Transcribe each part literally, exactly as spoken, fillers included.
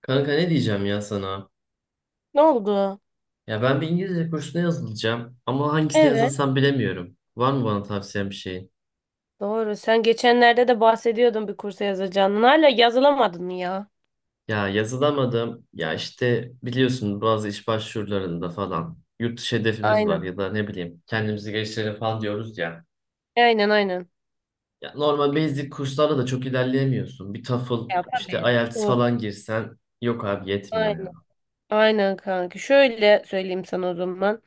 Kanka ne diyeceğim ya sana? Ne oldu? Ya ben bir İngilizce kursuna yazılacağım ama hangisine Evet. yazılsam bilemiyorum. Var mı bana tavsiyen bir şeyin? Doğru. Sen geçenlerde de bahsediyordun bir kursa yazacağını. Hala yazılamadın mı ya? Ya yazılamadım. Ya işte biliyorsun bazı iş başvurularında falan yurt dışı hedefimiz var Aynen. ya da ne bileyim kendimizi geliştirelim falan diyoruz ya. Aynen, aynen. Ya normal basic kurslarda da çok ilerleyemiyorsun. Bir TOEFL Ya işte tabii. I E L T S Doğru. falan girsen yok abi yetmiyor Aynen. ya. Aynen kanka. Şöyle söyleyeyim sana o zaman.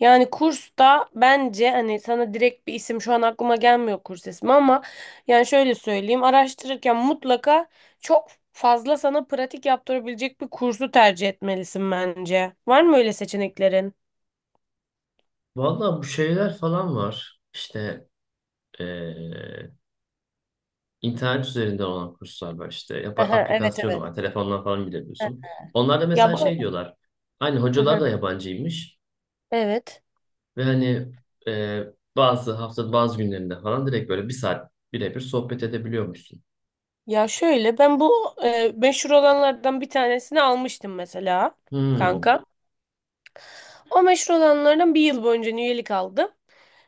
Yani kursta bence hani sana direkt bir isim şu an aklıma gelmiyor kurs ismi ama yani şöyle söyleyeyim. Araştırırken mutlaka çok fazla sana pratik yaptırabilecek bir kursu tercih etmelisin bence. Var mı öyle seçeneklerin? Vallahi bu şeyler falan var. İşte İnternet üzerinden olan kurslar var işte. Yap Aha, evet, aplikasyonu evet. var. Telefondan falan girebiliyorsun. Onlar da Ya mesela şey bu... diyorlar. Hani hocalar Aha, da yabancıymış. evet. Ve hani e, bazı hafta bazı günlerinde falan direkt böyle bir saat birebir sohbet edebiliyormuşsun. Ya şöyle ben bu e, meşhur olanlardan bir tanesini almıştım mesela Hmm. kanka. O meşhur olanlardan bir yıl boyunca üyelik aldım.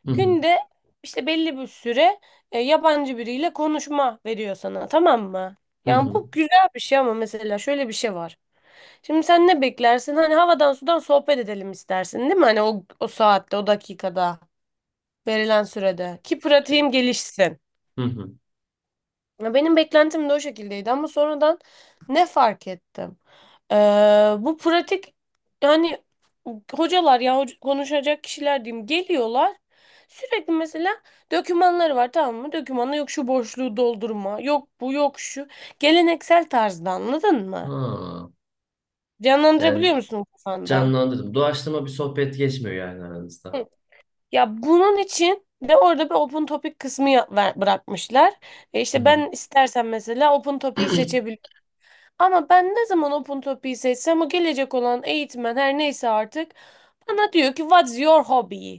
Hı hı. Günde işte belli bir süre e, yabancı biriyle konuşma veriyor sana, tamam mı? Hı Yani hı. bu güzel bir şey ama mesela şöyle bir şey var. Şimdi sen ne beklersin? Hani havadan sudan sohbet edelim istersin değil mi? Hani o, o saatte o dakikada verilen sürede ki E, pratiğim gelişsin. Hı hı. Ya Benim beklentim de o şekildeydi ama sonradan ne fark ettim? Ee, Bu pratik yani hocalar ya hoca- konuşacak kişiler diyeyim, geliyorlar. Sürekli mesela dokümanları var, tamam mı? Dokümanı yok, şu boşluğu doldurma, yok bu yok şu. Geleneksel tarzda, anladın mı? Ha. Yani Canlandırabiliyor musun kafanda? canlandırdım. Doğaçlama bir sohbet geçmiyor yani aranızda. Hı. Ya bunun için de orada bir open topic kısmı ya- ver- bırakmışlar. E Hı işte hı. ben istersen mesela open topic'i seçebilirim. Ama ben ne zaman Open Topic'i seçsem, o gelecek olan eğitmen her neyse artık bana diyor ki what's your hobby?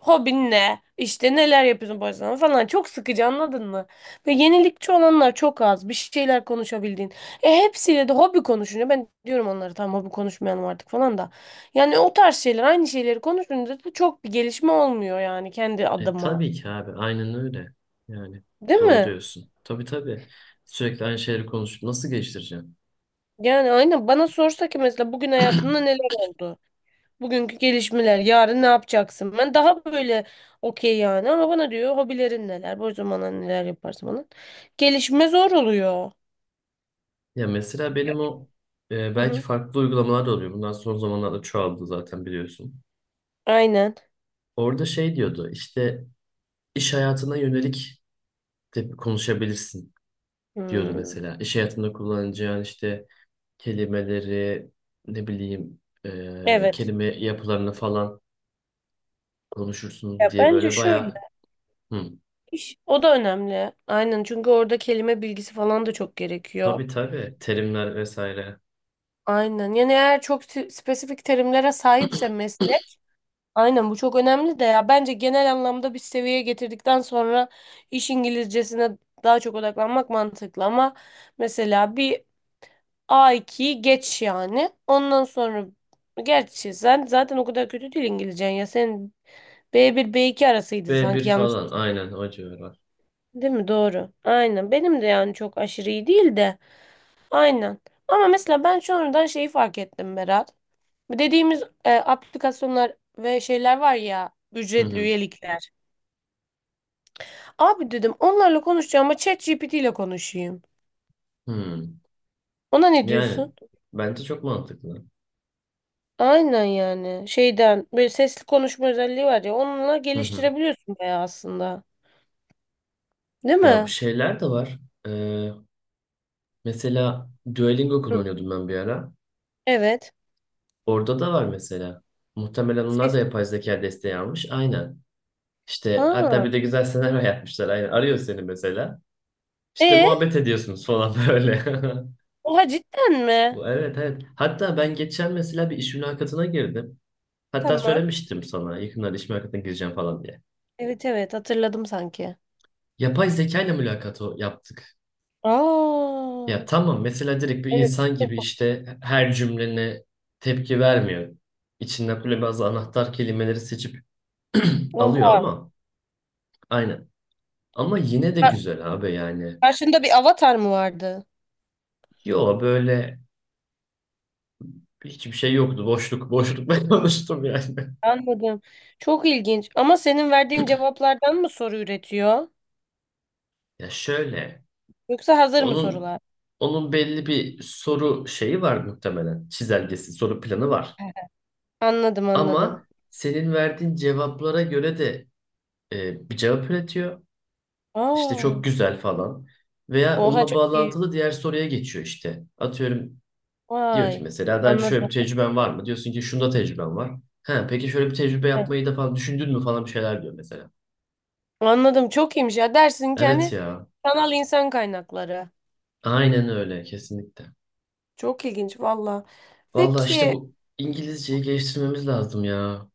Hobin ne? İşte neler yapıyorsun boş zamanında falan. Çok sıkıcı, anladın mı? Ve yenilikçi olanlar çok az. Bir şeyler konuşabildiğin. E hepsiyle de hobi konuşunca ben diyorum onlara tamam hobi konuşmayalım artık falan da. Yani o tarz şeyler, aynı şeyleri konuşunca da çok bir gelişme olmuyor yani, kendi E, adıma. tabii ki abi. Aynen öyle. Yani Değil doğru mi? diyorsun. Tabii tabii. Sürekli aynı şeyleri konuşup nasıl geliştireceğim? Yani aynen bana sorsa ki mesela bugün hayatında neler oldu? Bugünkü gelişmeler, yarın ne yapacaksın? Ben daha böyle okey yani, ama bana diyor hobilerin neler, boş zamanlar neler yaparsın bana. Gelişme zor oluyor. Ya mesela benim o e, Hı belki hı. farklı uygulamalar da oluyor. Bundan son zamanlarda çoğaldı zaten biliyorsun. Aynen. Orada şey diyordu işte iş hayatına yönelik de konuşabilirsin diyordu Hmm. mesela. İş hayatında kullanacağın işte kelimeleri ne bileyim e, Evet. kelime yapılarını falan konuşursunuz Ya diye bence böyle şöyle, bayağı hı, iş o da önemli. Aynen, çünkü orada kelime bilgisi falan da çok gerekiyor. tabii tabii terimler vesaire. Aynen. Yani eğer çok si- spesifik terimlere sahipse meslek. Aynen, bu çok önemli de ya bence genel anlamda bir seviyeye getirdikten sonra iş İngilizcesine daha çok odaklanmak mantıklı ama mesela bir a ikiyi geç yani. Ondan sonra, gerçi sen zaten o kadar kötü değil İngilizcen ya. Senin b bir b iki arasıydı B sanki, bir yanlış falan aynen o civarlar. değil mi? Doğru. Aynen. Benim de yani çok aşırı iyi değil de. Aynen. Ama mesela ben sonradan şeyi fark ettim, Berat. Dediğimiz e, aplikasyonlar ve şeyler var ya, Hı ücretli hı, üyelikler. Abi dedim onlarla konuşacağım ama ChatGPT ile konuşayım. hı. Ona ne Yani diyorsun? bence çok mantıklı. Aynen yani. Şeyden böyle sesli konuşma özelliği var ya, onunla Hı hı. geliştirebiliyorsun bayağı aslında. Değil Ya bu mi? şeyler de var. Ee, mesela Duolingo Hı. kullanıyordum ben bir ara. Evet. Orada da var mesela. Muhtemelen onlar da Ses. yapay zeka desteği almış. Aynen. İşte hatta Ha. bir de güzel senaryo yapmışlar. Aynen. Arıyor seni mesela. İşte E, muhabbet ediyorsunuz falan böyle. Oha, cidden mi? Bu- Evet evet. Hatta ben geçen mesela bir iş mülakatına girdim. Hatta Tamam. söylemiştim sana yakında iş mülakatına gireceğim falan diye. Evet, evet, hatırladım sanki. Yapay zeka ile mülakatı yaptık. Aa. Ya tamam, mesela direkt bir Evet. insan gibi çok- işte her cümlene tepki vermiyor. İçinden böyle bazı anahtar kelimeleri seçip alıyor Oha. ama aynen. Ama yine de Ka- güzel abi yani. Karşında bir avatar mı vardı? Yo böyle hiçbir şey yoktu. Boşluk boşluk ben konuştum yani. Anladım. Çok ilginç. Ama senin verdiğin cevaplardan mı soru üretiyor? Ya şöyle, Yoksa hazır mı onun sorular? onun belli bir soru şeyi var muhtemelen. Çizelgesi, soru planı var. Anladım, anladım. Ama senin verdiğin cevaplara göre de e, bir cevap üretiyor. İşte Aa, çok güzel falan. Veya oha, onunla çok iyi. bağlantılı diğer soruya geçiyor işte. Atıyorum diyor ki Vay. mesela daha önce şöyle bir Anladım. tecrüben var mı? Diyorsun ki şunda tecrüben var. Ha, peki şöyle bir tecrübe Evet. yapmayı da falan düşündün mü falan bir şeyler diyor mesela. Anladım, çok iyiymiş ya. Dersin ki Evet hani ya. sanal insan kaynakları. Aynen öyle kesinlikle. Çok ilginç valla. Valla işte Peki, bu İngilizceyi geliştirmemiz lazım ya.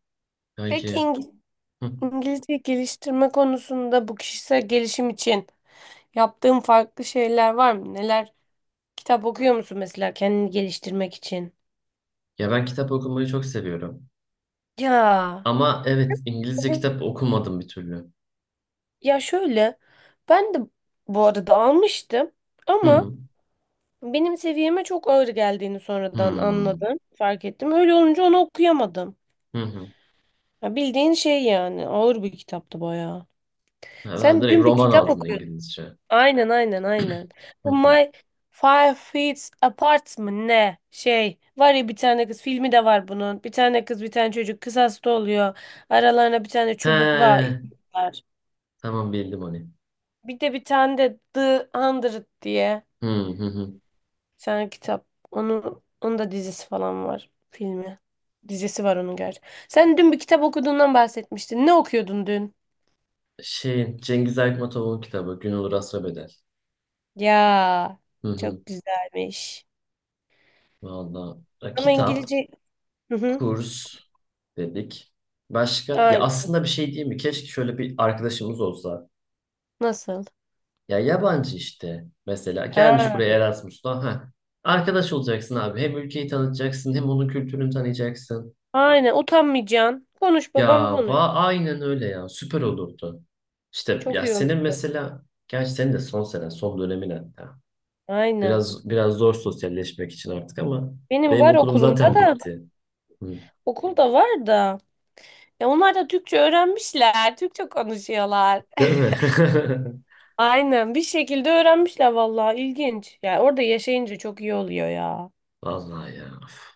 peki Kanki. İng- Hı. İngilizce geliştirme konusunda bu kişisel gelişim için yaptığın farklı şeyler var mı? Neler? Kitap okuyor musun mesela kendini geliştirmek için? Ya ben kitap okumayı çok seviyorum. Ya. Ama evet İngilizce kitap okumadım bir türlü. Ya şöyle, ben de bu arada almıştım Hı ama hı. benim seviyeme çok ağır geldiğini sonradan anladım. Fark ettim. Öyle olunca onu okuyamadım. Hı hı. Ya bildiğin şey yani. Ağır bir kitaptı bayağı. Ha, ben Sen direkt dün bir roman kitap aldım okuyordun. İngilizce. Aynen, aynen, aynen. Hı Bu hı. My Five Feet Apart mı ne? Şey var ya, bir tane kız filmi de var bunun. Bir tane kız bir tane çocuk kısasta oluyor. Aralarına bir tane çubukla He, yürüyorlar. tamam bildim onu. Bir de bir tane de The Hundred diye. Hı hı hı. Sen kitap. Onu, onun da dizisi falan var. Filmi. Dizisi var onun gerçi. Sen dün bir kitap okuduğundan bahsetmiştin. Ne okuyordun dün? Şey, Cengiz Aytmatov'un kitabı Gün Olur Asra Bedel. Ya, Hı hı. çok güzelmiş. Valla Ama kitap, İngilizce... Hı hı. kurs dedik. Başka? Ya Aynen. aslında bir şey değil mi? Keşke şöyle bir arkadaşımız olsa. Nasıl? Ya yabancı işte mesela. Gelmiş Ha. buraya Erasmus'ta. Ha. Arkadaş olacaksın abi. Hem ülkeyi tanıtacaksın hem onun kültürünü tanıyacaksın. Aynen. Utanmayacaksın. Konuş babam Ya konuş. va aynen öyle ya. Süper olurdu. İşte Çok ya iyi olur. senin mesela, gerçi senin de son sene, son dönemin hatta. Aynen. Biraz biraz zor sosyalleşmek için artık ama Benim benim var okulum okulumda zaten da. bitti. Hı. Okulda var da. Ya onlar da Türkçe öğrenmişler. Türkçe konuşuyorlar. Değil mi? Aynen, bir şekilde öğrenmişler vallahi, ilginç. Yani orada yaşayınca çok iyi oluyor ya. Vallahi ya. Üf.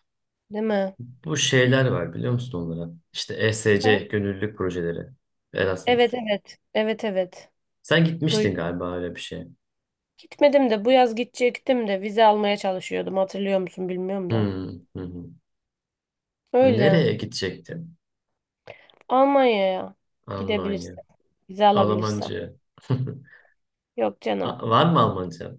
Değil mi? Bu şeyler var biliyor musun onlara? İşte E S C Hı. gönüllülük projeleri. Erasmus. Evet, evet. Evet, evet. Sen Duy gitmiştin galiba öyle bir şeye. Gitmedim de bu yaz gidecektim de vize almaya çalışıyordum. Hatırlıyor musun bilmiyorum Hı da. hı, hı. Öyle. Nereye gidecektin? Almanya'ya Almanya. gidebilirsem. Vize alabilirsem. Almanca. Yok canım. A- Var mı Almanca?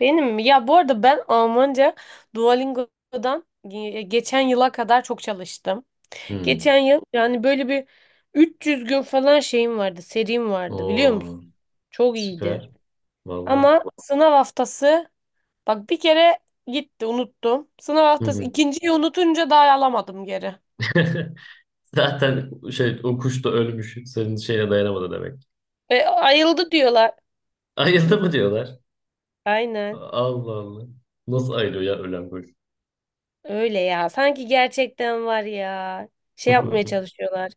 Benim mi? Ya bu arada ben Almanca Duolingo'dan ge- geçen yıla kadar çok çalıştım. Hı. Geçen yıl yani böyle bir üç yüz gün falan şeyim vardı, serim vardı, biliyor Oo, musun? Çok iyiydi. süper. Vallahi. Ama sınav haftası, bak, bir kere gitti unuttum. Sınav Hı haftası hı. ikinciyi unutunca daha alamadım geri. Zaten şey o kuş da ölmüş. Senin şeyine dayanamadı demek. E, ayıldı diyorlar. Ayıldı mı diyorlar. Aynen Allah Allah. Nasıl ayılıyor ya ölen kuş? öyle ya. Sanki gerçekten var ya. Şey yapmaya çalışıyorlar.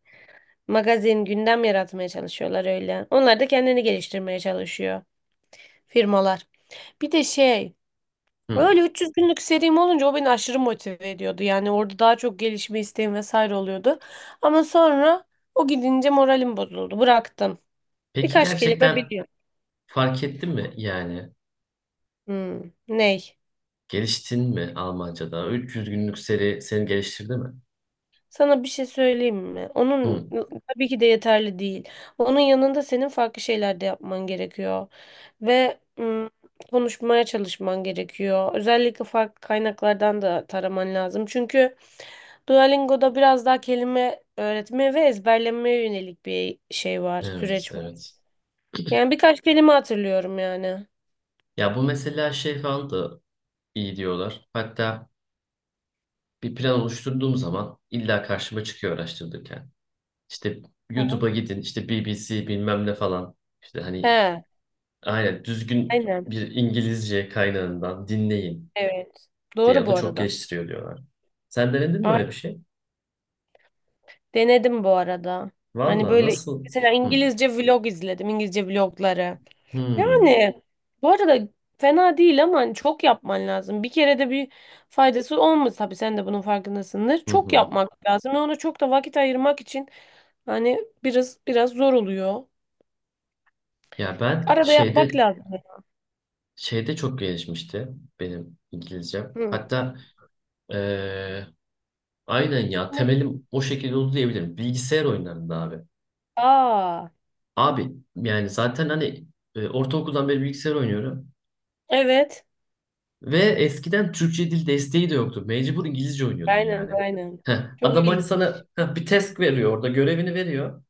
Magazin, gündem yaratmaya çalışıyorlar öyle. Onlar da kendini geliştirmeye çalışıyor firmalar. Bir de şey. Hı. Öyle üç yüz günlük serim olunca o beni aşırı motive ediyordu. Yani orada daha çok gelişme isteğim vesaire oluyordu. Ama sonra o gidince moralim bozuldu. Bıraktım. Peki Birkaç kelime gerçekten biliyorum. fark ettin mi yani? Hmm, ney? Geliştin mi Almanca'da? üç yüz günlük seri seni geliştirdi mi? Sana bir şey söyleyeyim mi? Onun Hı. tabii ki de yeterli değil. Onun yanında senin farklı şeyler de yapman gerekiyor. Ve hmm, konuşmaya çalışman gerekiyor. Özellikle farklı kaynaklardan da taraman lazım. Çünkü Duolingo'da biraz daha kelime öğretmeye ve ezberlemeye yönelik bir şey var, Evet, süreç var. evet. Yani birkaç kelime hatırlıyorum yani. Ya bu mesela şey falan da iyi diyorlar. Hatta bir plan oluşturduğum zaman illa karşıma çıkıyor araştırırken. İşte Hı hı. YouTube'a gidin, işte B B C bilmem ne falan. İşte hani He, aynen düzgün aynen. bir İngilizce kaynağından dinleyin Evet. diye. Doğru O da bu çok arada. geliştiriyor diyorlar. Sen denedin mi öyle bir Ay- şey? Denedim bu arada. Hani Valla böyle nasıl? mesela Hı. İngilizce vlog izledim. İngilizce vlogları. Hı. Yani bu arada fena değil ama hani çok yapman lazım. Bir kere de bir faydası olmaz, tabii sen de bunun farkındasındır. Hı Çok hı. yapmak lazım ve ona çok da vakit ayırmak için hani biraz biraz zor oluyor. Ya ben Arada yapmak şeyde lazım. şeyde çok gelişmişti benim İngilizcem. Hı. Hatta eee, aynen ya Ne? temelim o şekilde oldu diyebilirim. Bilgisayar oyunlarında abi. Aa, Abi yani zaten hani e, ortaokuldan beri bilgisayar oynuyorum. evet. Ve eskiden Türkçe dil desteği de yoktu. Mecbur İngilizce oynuyordun Aynen, yani. aynen. Heh, Çok adam hani ilginç. sana heh, bir task veriyor orada görevini veriyor.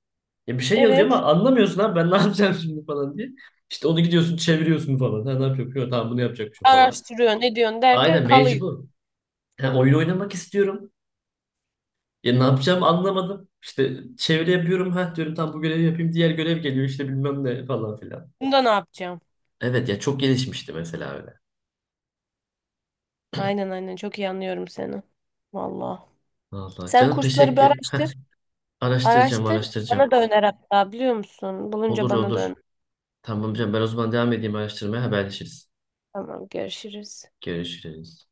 Ya bir şey yazıyor Evet. ama anlamıyorsun abi ben ne yapacağım şimdi falan diye. İşte onu gidiyorsun çeviriyorsun falan. Ha, ne yapıyor? Yok, tamam bunu yapacakmışım falan. Araştırıyorsun, ne diyorsun derken Aynen kalıyor. mecbur. Ha, oyun oynamak istiyorum. Ya ne yapacağımı anlamadım. İşte çeviri yapıyorum. Ha diyorum tam bu görevi yapayım. Diğer görev geliyor işte bilmem ne falan filan. Bunda ne yapacağım? Evet ya çok gelişmişti mesela öyle. Aynen, aynen, çok iyi anlıyorum seni. Vallahi. Vallahi Sen canım kursları bir teşekkür. Heh, araştır. araştıracağım Araştır. Bana araştıracağım. da öner hatta, biliyor musun? Bulunca Olur bana da olur. öner. Tamam canım, ben o zaman devam edeyim araştırmaya, haberleşiriz. Tamam, görüşürüz. Görüşürüz.